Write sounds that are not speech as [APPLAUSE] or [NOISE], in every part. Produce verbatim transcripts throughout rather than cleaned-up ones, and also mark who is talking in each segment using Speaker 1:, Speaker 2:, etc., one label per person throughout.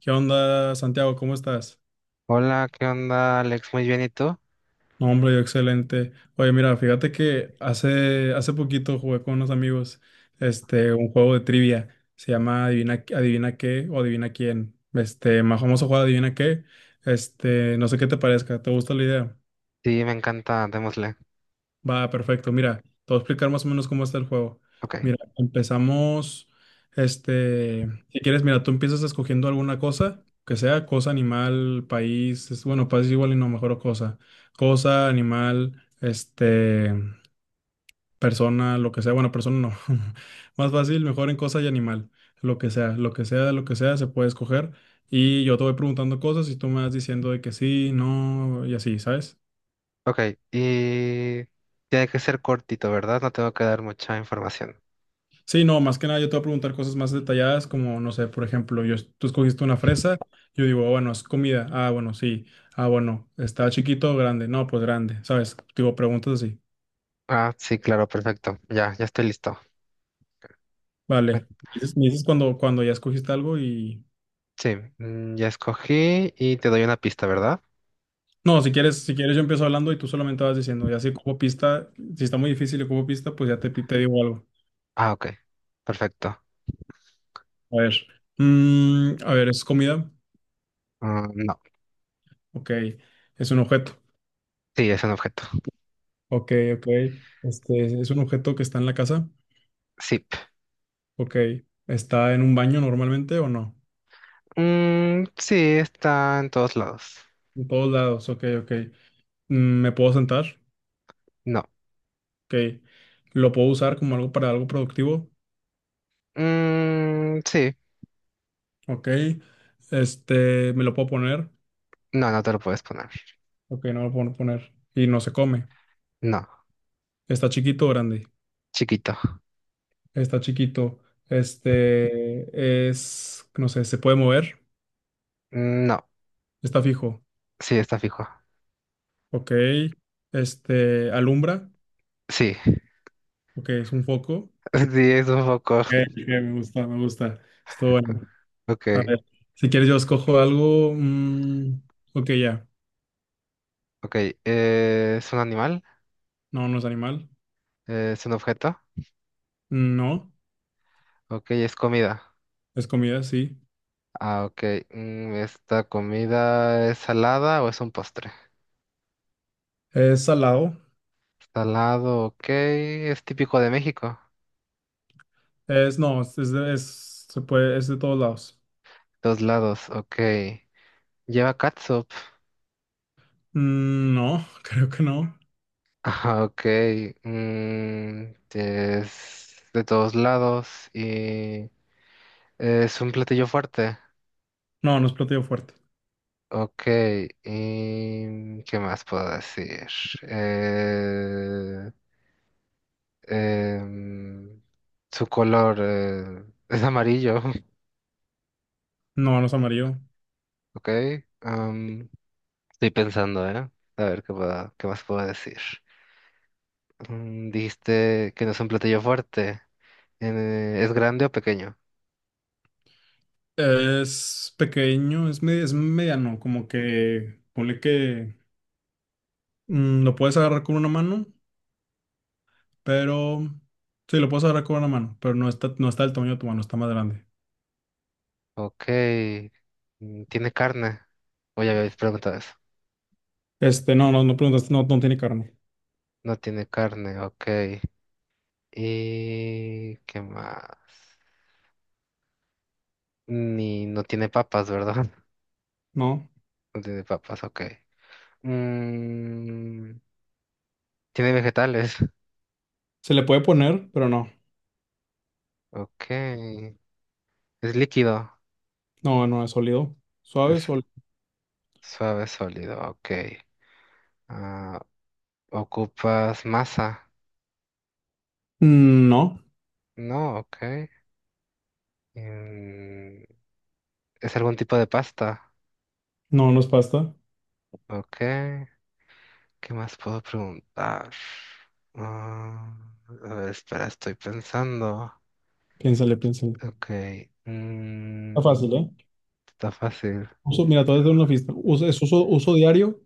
Speaker 1: ¿Qué onda, Santiago? ¿Cómo estás?
Speaker 2: Hola, ¿qué onda, Alex? Muy bien, ¿y tú?
Speaker 1: No, hombre, yo excelente. Oye, mira, fíjate que hace, hace poquito jugué con unos amigos este, un juego de trivia. Se llama Adivina, Adivina qué o Adivina quién. Este, más famoso juego Adivina qué. Este, no sé qué te parezca. ¿Te gusta la idea?
Speaker 2: Sí, me encanta, démosle.
Speaker 1: Va, perfecto. Mira, te voy a explicar más o menos cómo está el juego.
Speaker 2: Ok,
Speaker 1: Mira, empezamos, este, si quieres, mira, tú empiezas escogiendo alguna cosa, que sea cosa, animal, país, es- bueno, país igual y no, mejor cosa. Cosa, animal, este, persona, lo que sea, bueno, persona no. [LAUGHS] Más fácil, mejor en cosa y animal, lo que sea, lo que sea, lo que sea, se puede escoger. Y yo te voy preguntando cosas y tú me vas diciendo de que sí, no, y así, ¿sabes?
Speaker 2: ok, y tiene que ser cortito, ¿verdad? No tengo que dar mucha información.
Speaker 1: Sí, no, más que nada yo te voy a preguntar cosas más detalladas, como, no sé, por ejemplo, yo, tú escogiste una fresa, yo digo, "Ah, bueno, es comida, ah, bueno, sí, ah, bueno, está chiquito o grande, no, pues grande, ¿sabes?" Digo, preguntas así,
Speaker 2: Ah, sí, claro, perfecto. Ya, ya estoy listo.
Speaker 1: vale,
Speaker 2: Eh,
Speaker 1: me dices, me dices cuando, cuando ya escogiste algo y...
Speaker 2: Sí, mm, ya escogí y te doy una pista, ¿verdad?
Speaker 1: No, si quieres, si quieres yo empiezo hablando y tú solamente vas diciendo, ya si ocupo pista, si está muy difícil y ocupo pista, pues ya te, pi- te digo algo.
Speaker 2: Ah, ok, perfecto.
Speaker 1: A ver, mm, a ver, ¿es comida?
Speaker 2: Ah, no,
Speaker 1: Ok, es un objeto,
Speaker 2: sí, es un objeto.
Speaker 1: ok, ok, este, ¿es un objeto que está en la casa?
Speaker 2: Sí.
Speaker 1: Ok, ¿está en un baño normalmente o no?
Speaker 2: Mm, sí, está en todos lados.
Speaker 1: En todos lados, ok, ok. Mm, ¿me puedo sentar?
Speaker 2: No.
Speaker 1: Ok. ¿Lo puedo usar como algo para algo productivo?
Speaker 2: Mm, sí,
Speaker 1: Ok. Este, ¿me lo puedo poner?
Speaker 2: no, no te lo puedes poner.
Speaker 1: Ok, no me lo puedo poner. Y no se come.
Speaker 2: No,
Speaker 1: ¿Está chiquito o grande?
Speaker 2: chiquito.
Speaker 1: Está chiquito. Este, es, no sé, ¿se puede mover?
Speaker 2: No,
Speaker 1: Está fijo.
Speaker 2: sí, está fijo.
Speaker 1: Ok. Este, ¿alumbra?
Speaker 2: Sí.
Speaker 1: Ok, es un foco.
Speaker 2: [LAUGHS] Sí, es un poco.
Speaker 1: Ok, ok, me gusta, me gusta. Estuvo bueno.
Speaker 2: Ok,
Speaker 1: A ver, si quieres yo escojo algo. Mm, ok, ya.
Speaker 2: ok. eh, ¿es un animal?
Speaker 1: No, no es animal.
Speaker 2: Eh, ¿es un objeto?
Speaker 1: No,
Speaker 2: Ok, es comida.
Speaker 1: es comida, sí.
Speaker 2: Ah, ok. mm, ¿esta comida es salada o es un postre?
Speaker 1: Es salado.
Speaker 2: Salado, ok. Es típico de México.
Speaker 1: Es, no, es, es de, es- Se puede, es de todos lados.
Speaker 2: Dos lados, ok. Lleva catsup. [LAUGHS]
Speaker 1: Mm, no, [LAUGHS] creo que no.
Speaker 2: Ah, ok. mm, es de todos lados y es un platillo fuerte.
Speaker 1: No, no es platillo fuerte.
Speaker 2: Ok, ¿y qué más puedo decir? Eh, em, Su color eh, es amarillo.
Speaker 1: No, no es amarillo.
Speaker 2: [LAUGHS] Ok. am, estoy pensando, ¿eh? A ver qué puedo- qué más puedo decir. Mm, dijiste que no es un platillo fuerte. Eh, ¿es grande o pequeño?
Speaker 1: Es pequeño, es, me- Es mediano, como que ponle que mm, lo puedes agarrar con una mano, pero sí, lo puedes agarrar con una mano, pero no está, no está del tamaño de tu mano, está más grande.
Speaker 2: Ok. mm, ¿Tiene carne? O ya habéis preguntado eso.
Speaker 1: Este, no, no, no preguntaste, no, no tiene carne.
Speaker 2: No tiene carne, ok. ¿Y qué más? Ni no tiene papas, ¿verdad? [LAUGHS]
Speaker 1: No,
Speaker 2: No tiene papas, ok. Mm, tiene vegetales.
Speaker 1: se le puede poner, pero no.
Speaker 2: [LAUGHS] Ok. Es líquido,
Speaker 1: No, no es sólido. Suave,
Speaker 2: es
Speaker 1: sólido.
Speaker 2: suave, sólido, ok. Ah, ocupas masa,
Speaker 1: No,
Speaker 2: no, ok. Mm, es algún tipo de pasta,
Speaker 1: no, no es pasta.
Speaker 2: ok. ¿Qué más puedo preguntar? Ah, a ver, espera, estoy pensando.
Speaker 1: Piénsale, piénsale.
Speaker 2: Ok.
Speaker 1: Está fácil,
Speaker 2: mm,
Speaker 1: ¿eh?
Speaker 2: está fácil.
Speaker 1: Uso, mira, todo es de una fiesta. Uso, es uso, uso diario.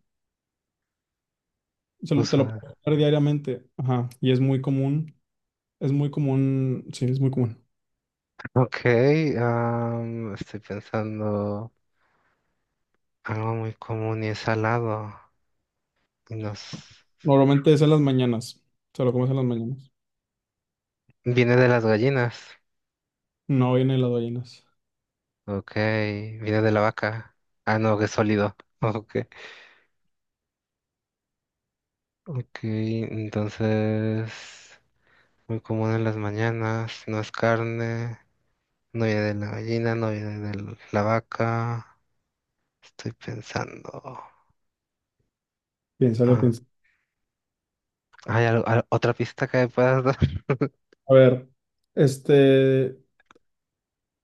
Speaker 1: se lo- Te
Speaker 2: Uso.
Speaker 1: lo puedes usar diariamente. Ajá. Y es muy común. Es muy común. Sí, es muy común.
Speaker 2: Ok, am, estoy pensando algo muy común y es salado. Y nos...
Speaker 1: Normalmente es en las mañanas. Se lo comes en las mañanas.
Speaker 2: Viene de las gallinas.
Speaker 1: No viene en las ballenas.
Speaker 2: Ok, viene de la vaca. Ah, no, que es sólido. [LAUGHS] Ok. Ok, entonces muy común en las mañanas, no es carne, no viene de la gallina, no viene de la vaca. Estoy pensando.
Speaker 1: Piénsale,
Speaker 2: Ah,
Speaker 1: piénsale.
Speaker 2: ¿hay algo- al- otra pista que me puedas dar? [LAUGHS]
Speaker 1: A ver, este.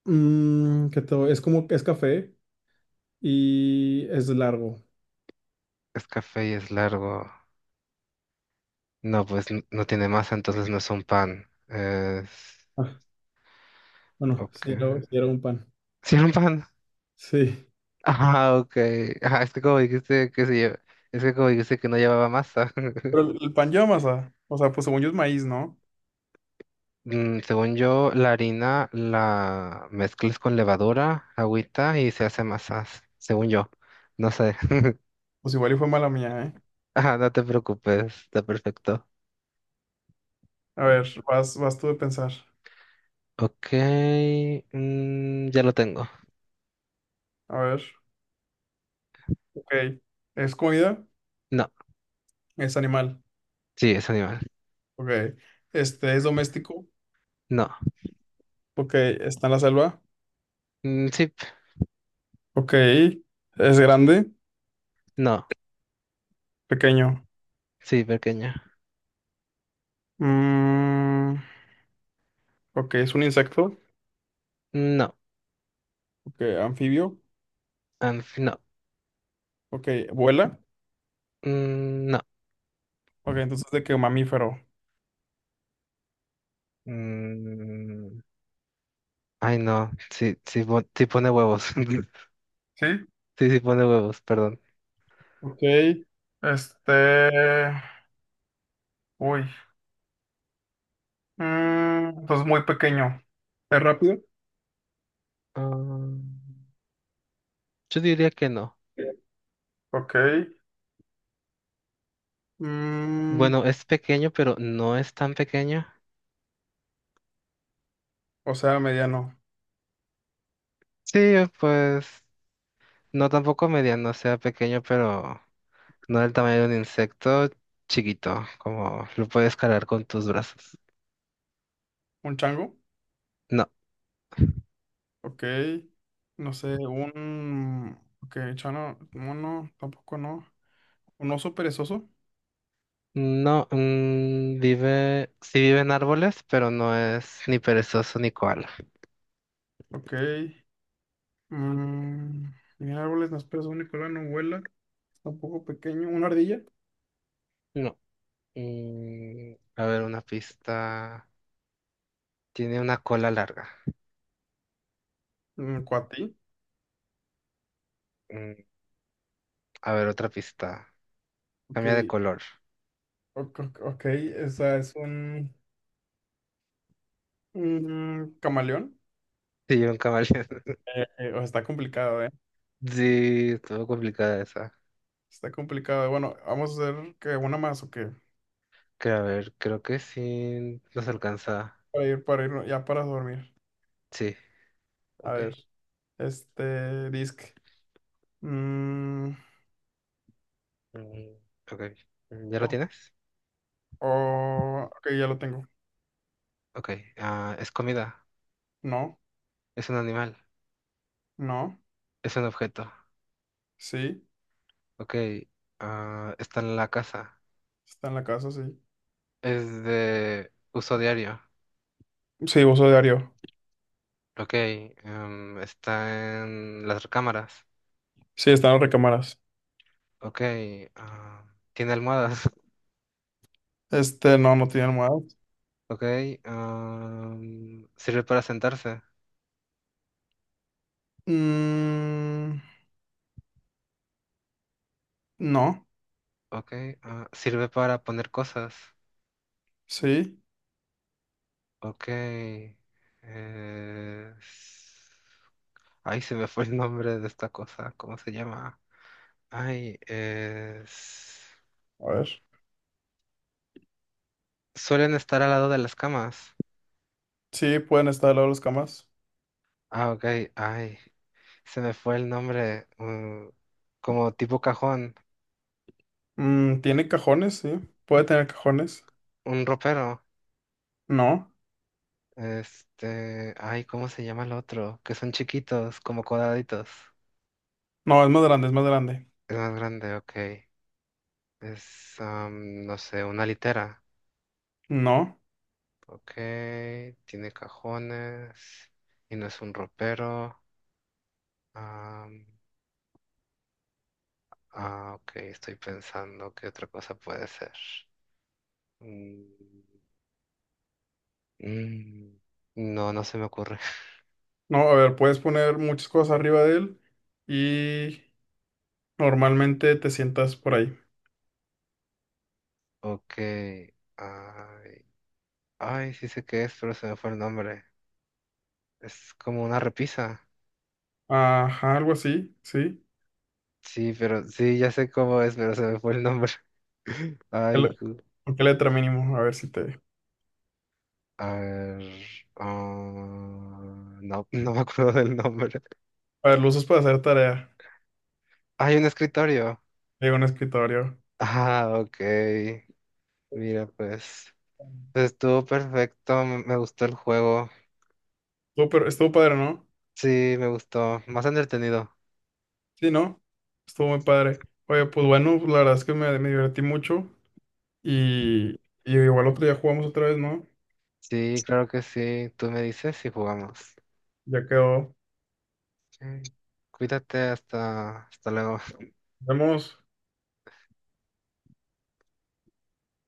Speaker 1: Mm, ¿qué te voy- es como es café y es largo.
Speaker 2: Es café y es largo. No, pues n- no tiene masa, entonces no es un pan. Es...
Speaker 1: Ah, bueno,
Speaker 2: Ok.
Speaker 1: sí, luego sí era un pan.
Speaker 2: Sí, es un pan. [LAUGHS]
Speaker 1: Sí.
Speaker 2: Ah, ok. Ah, es que como dijiste que se lle- es que como dijiste que no llevaba masa. [LAUGHS]
Speaker 1: Pero el, el pan lleva masa. O sea, pues según yo es maíz, ¿no?
Speaker 2: Mm, Según yo, la harina la mezclas con levadura, agüita y se hace masas. Según yo. No sé. [LAUGHS]
Speaker 1: Pues igual y fue mala mía, ¿eh?
Speaker 2: Ah, no te preocupes. Está perfecto.
Speaker 1: A ver, vas, vas tú de pensar.
Speaker 2: Ok. mm, ya lo tengo.
Speaker 1: A ver, ok. ¿Es comida?
Speaker 2: No.
Speaker 1: ¿Es animal?
Speaker 2: Sí, es animal.
Speaker 1: Ok. Este, ¿es doméstico?
Speaker 2: No.
Speaker 1: Ok. ¿Está en la selva?
Speaker 2: Mm, sí.
Speaker 1: Ok. ¿Es grande?
Speaker 2: No.
Speaker 1: Pequeño.
Speaker 2: Sí, pequeña.
Speaker 1: Mm, ok, ¿es un insecto?
Speaker 2: No.
Speaker 1: Ok, anfibio.
Speaker 2: Ah, no.
Speaker 1: Ok, ¿vuela?
Speaker 2: Mm, no.
Speaker 1: Ok, entonces de qué mamífero.
Speaker 2: Mm, ay, no. Sí, sí, pon- sí pone huevos. [LAUGHS]
Speaker 1: Sí.
Speaker 2: Sí, sí pone huevos, perdón.
Speaker 1: Ok. Este... Uy. Mm, entonces muy pequeño. ¿Es rápido?
Speaker 2: Ah, yo diría que no.
Speaker 1: Ok. Mm,
Speaker 2: Bueno, es pequeño, pero no es tan pequeño.
Speaker 1: o sea, mediano.
Speaker 2: Sí, pues no tampoco mediano, o sea pequeño, pero no del tamaño de un insecto chiquito, como lo puedes cargar con tus brazos.
Speaker 1: ¿Un chango?
Speaker 2: No,
Speaker 1: Ok. No sé, un... Ok, chano, mono, tampoco no. ¿Un oso perezoso?
Speaker 2: no, mm, vive, sí vive en árboles, pero no es ni perezoso ni koala.
Speaker 1: Ok. Mm, mira, árboles, no esperas un Nicolás, no vuela. Tampoco pequeño. ¿Una ardilla?
Speaker 2: No. Mm, a ver, una pista. Tiene una cola larga.
Speaker 1: Mm, cuatí.
Speaker 2: Mm, a ver, otra pista.
Speaker 1: Ok.
Speaker 2: Cambia de color. [LAUGHS]
Speaker 1: Ok, ok, ok, o sea, es un... un camaleón.
Speaker 2: Sí, un camaleón.
Speaker 1: Eh, eh, o sea, está complicado, ¿eh?
Speaker 2: [LAUGHS] Sí, estuvo complicada esa.
Speaker 1: Está complicado. Bueno, vamos a hacer que una más o qué.
Speaker 2: Creo, a ver, creo que sí nos alcanza.
Speaker 1: Para ir, para ir, ya para dormir.
Speaker 2: Sí,
Speaker 1: A
Speaker 2: ok.
Speaker 1: ver, este, disc. Mm,
Speaker 2: Mm, ok. Mm, ¿Ya lo
Speaker 1: oh,
Speaker 2: tienes?
Speaker 1: oh, ok, ya lo tengo.
Speaker 2: Ok. Ah, es comida.
Speaker 1: No,
Speaker 2: Es un animal.
Speaker 1: no,
Speaker 2: Es un objeto.
Speaker 1: sí.
Speaker 2: Ok. Ah, está en la casa.
Speaker 1: Está en la casa, sí.
Speaker 2: Es de uso diario.
Speaker 1: Sí, uso diario.
Speaker 2: Ok. em, está en las recámaras.
Speaker 1: Sí, están las recámaras.
Speaker 2: Ok, ah, tiene almohadas. [LAUGHS]
Speaker 1: Este, no, no tiene almohadas.
Speaker 2: Ok, ah, sirve para sentarse.
Speaker 1: Mm, no,
Speaker 2: Ok, ah, sirve para poner cosas.
Speaker 1: sí.
Speaker 2: Ok, eh, s- ay, se me fue el nombre de esta cosa. ¿Cómo se llama? Ay, es-
Speaker 1: A ver.
Speaker 2: suelen estar al lado de las camas.
Speaker 1: Sí, pueden estar al lado de las camas.
Speaker 2: Ah, ok, ay, se me fue el nombre. Mm, como tipo cajón,
Speaker 1: Mm, tiene cajones, sí. Puede tener cajones.
Speaker 2: un ropero.
Speaker 1: No,
Speaker 2: Este, ay, ¿cómo se llama el otro? Que son chiquitos, como cuadraditos.
Speaker 1: no, es más grande, es más grande.
Speaker 2: Es más grande, ok. Es, am, no sé, una litera.
Speaker 1: No.
Speaker 2: Ok, tiene cajones y no es un ropero. Am, ah, ok, estoy pensando qué otra cosa puede ser. Mm, mm, no, no se me ocurre. [LAUGHS]
Speaker 1: No, a ver, puedes poner muchas cosas arriba de él y normalmente te sientas por ahí.
Speaker 2: Ok, ay, ay, sí sé qué es, pero se me fue el nombre. Es como una repisa.
Speaker 1: Ajá, algo así, sí.
Speaker 2: Sí, pero sí, ya sé cómo es, pero se me fue el nombre. [LAUGHS]
Speaker 1: ¿Qué
Speaker 2: Ay,
Speaker 1: le-
Speaker 2: cu-
Speaker 1: ¿Con qué letra mínimo? A ver si te...
Speaker 2: a ver, ah, no, no me acuerdo del nombre.
Speaker 1: A ver, lo usas para hacer tarea
Speaker 2: Hay un escritorio.
Speaker 1: de un escritorio.
Speaker 2: Ah, ok. Mira, pues, pues estuvo perfecto. Me, me gustó el juego.
Speaker 1: Estuvo, per- estuvo padre, ¿no?
Speaker 2: Sí, me gustó. Más entretenido.
Speaker 1: Sí, ¿no? Estuvo muy padre. Oye, pues bueno, la verdad es que me, me divertí mucho y, y igual otro día jugamos otra vez, ¿no?
Speaker 2: Sí, claro que sí. Tú me dices si jugamos.
Speaker 1: Ya quedó.
Speaker 2: Sí. Cuídate, hasta, hasta luego.
Speaker 1: Nos vemos.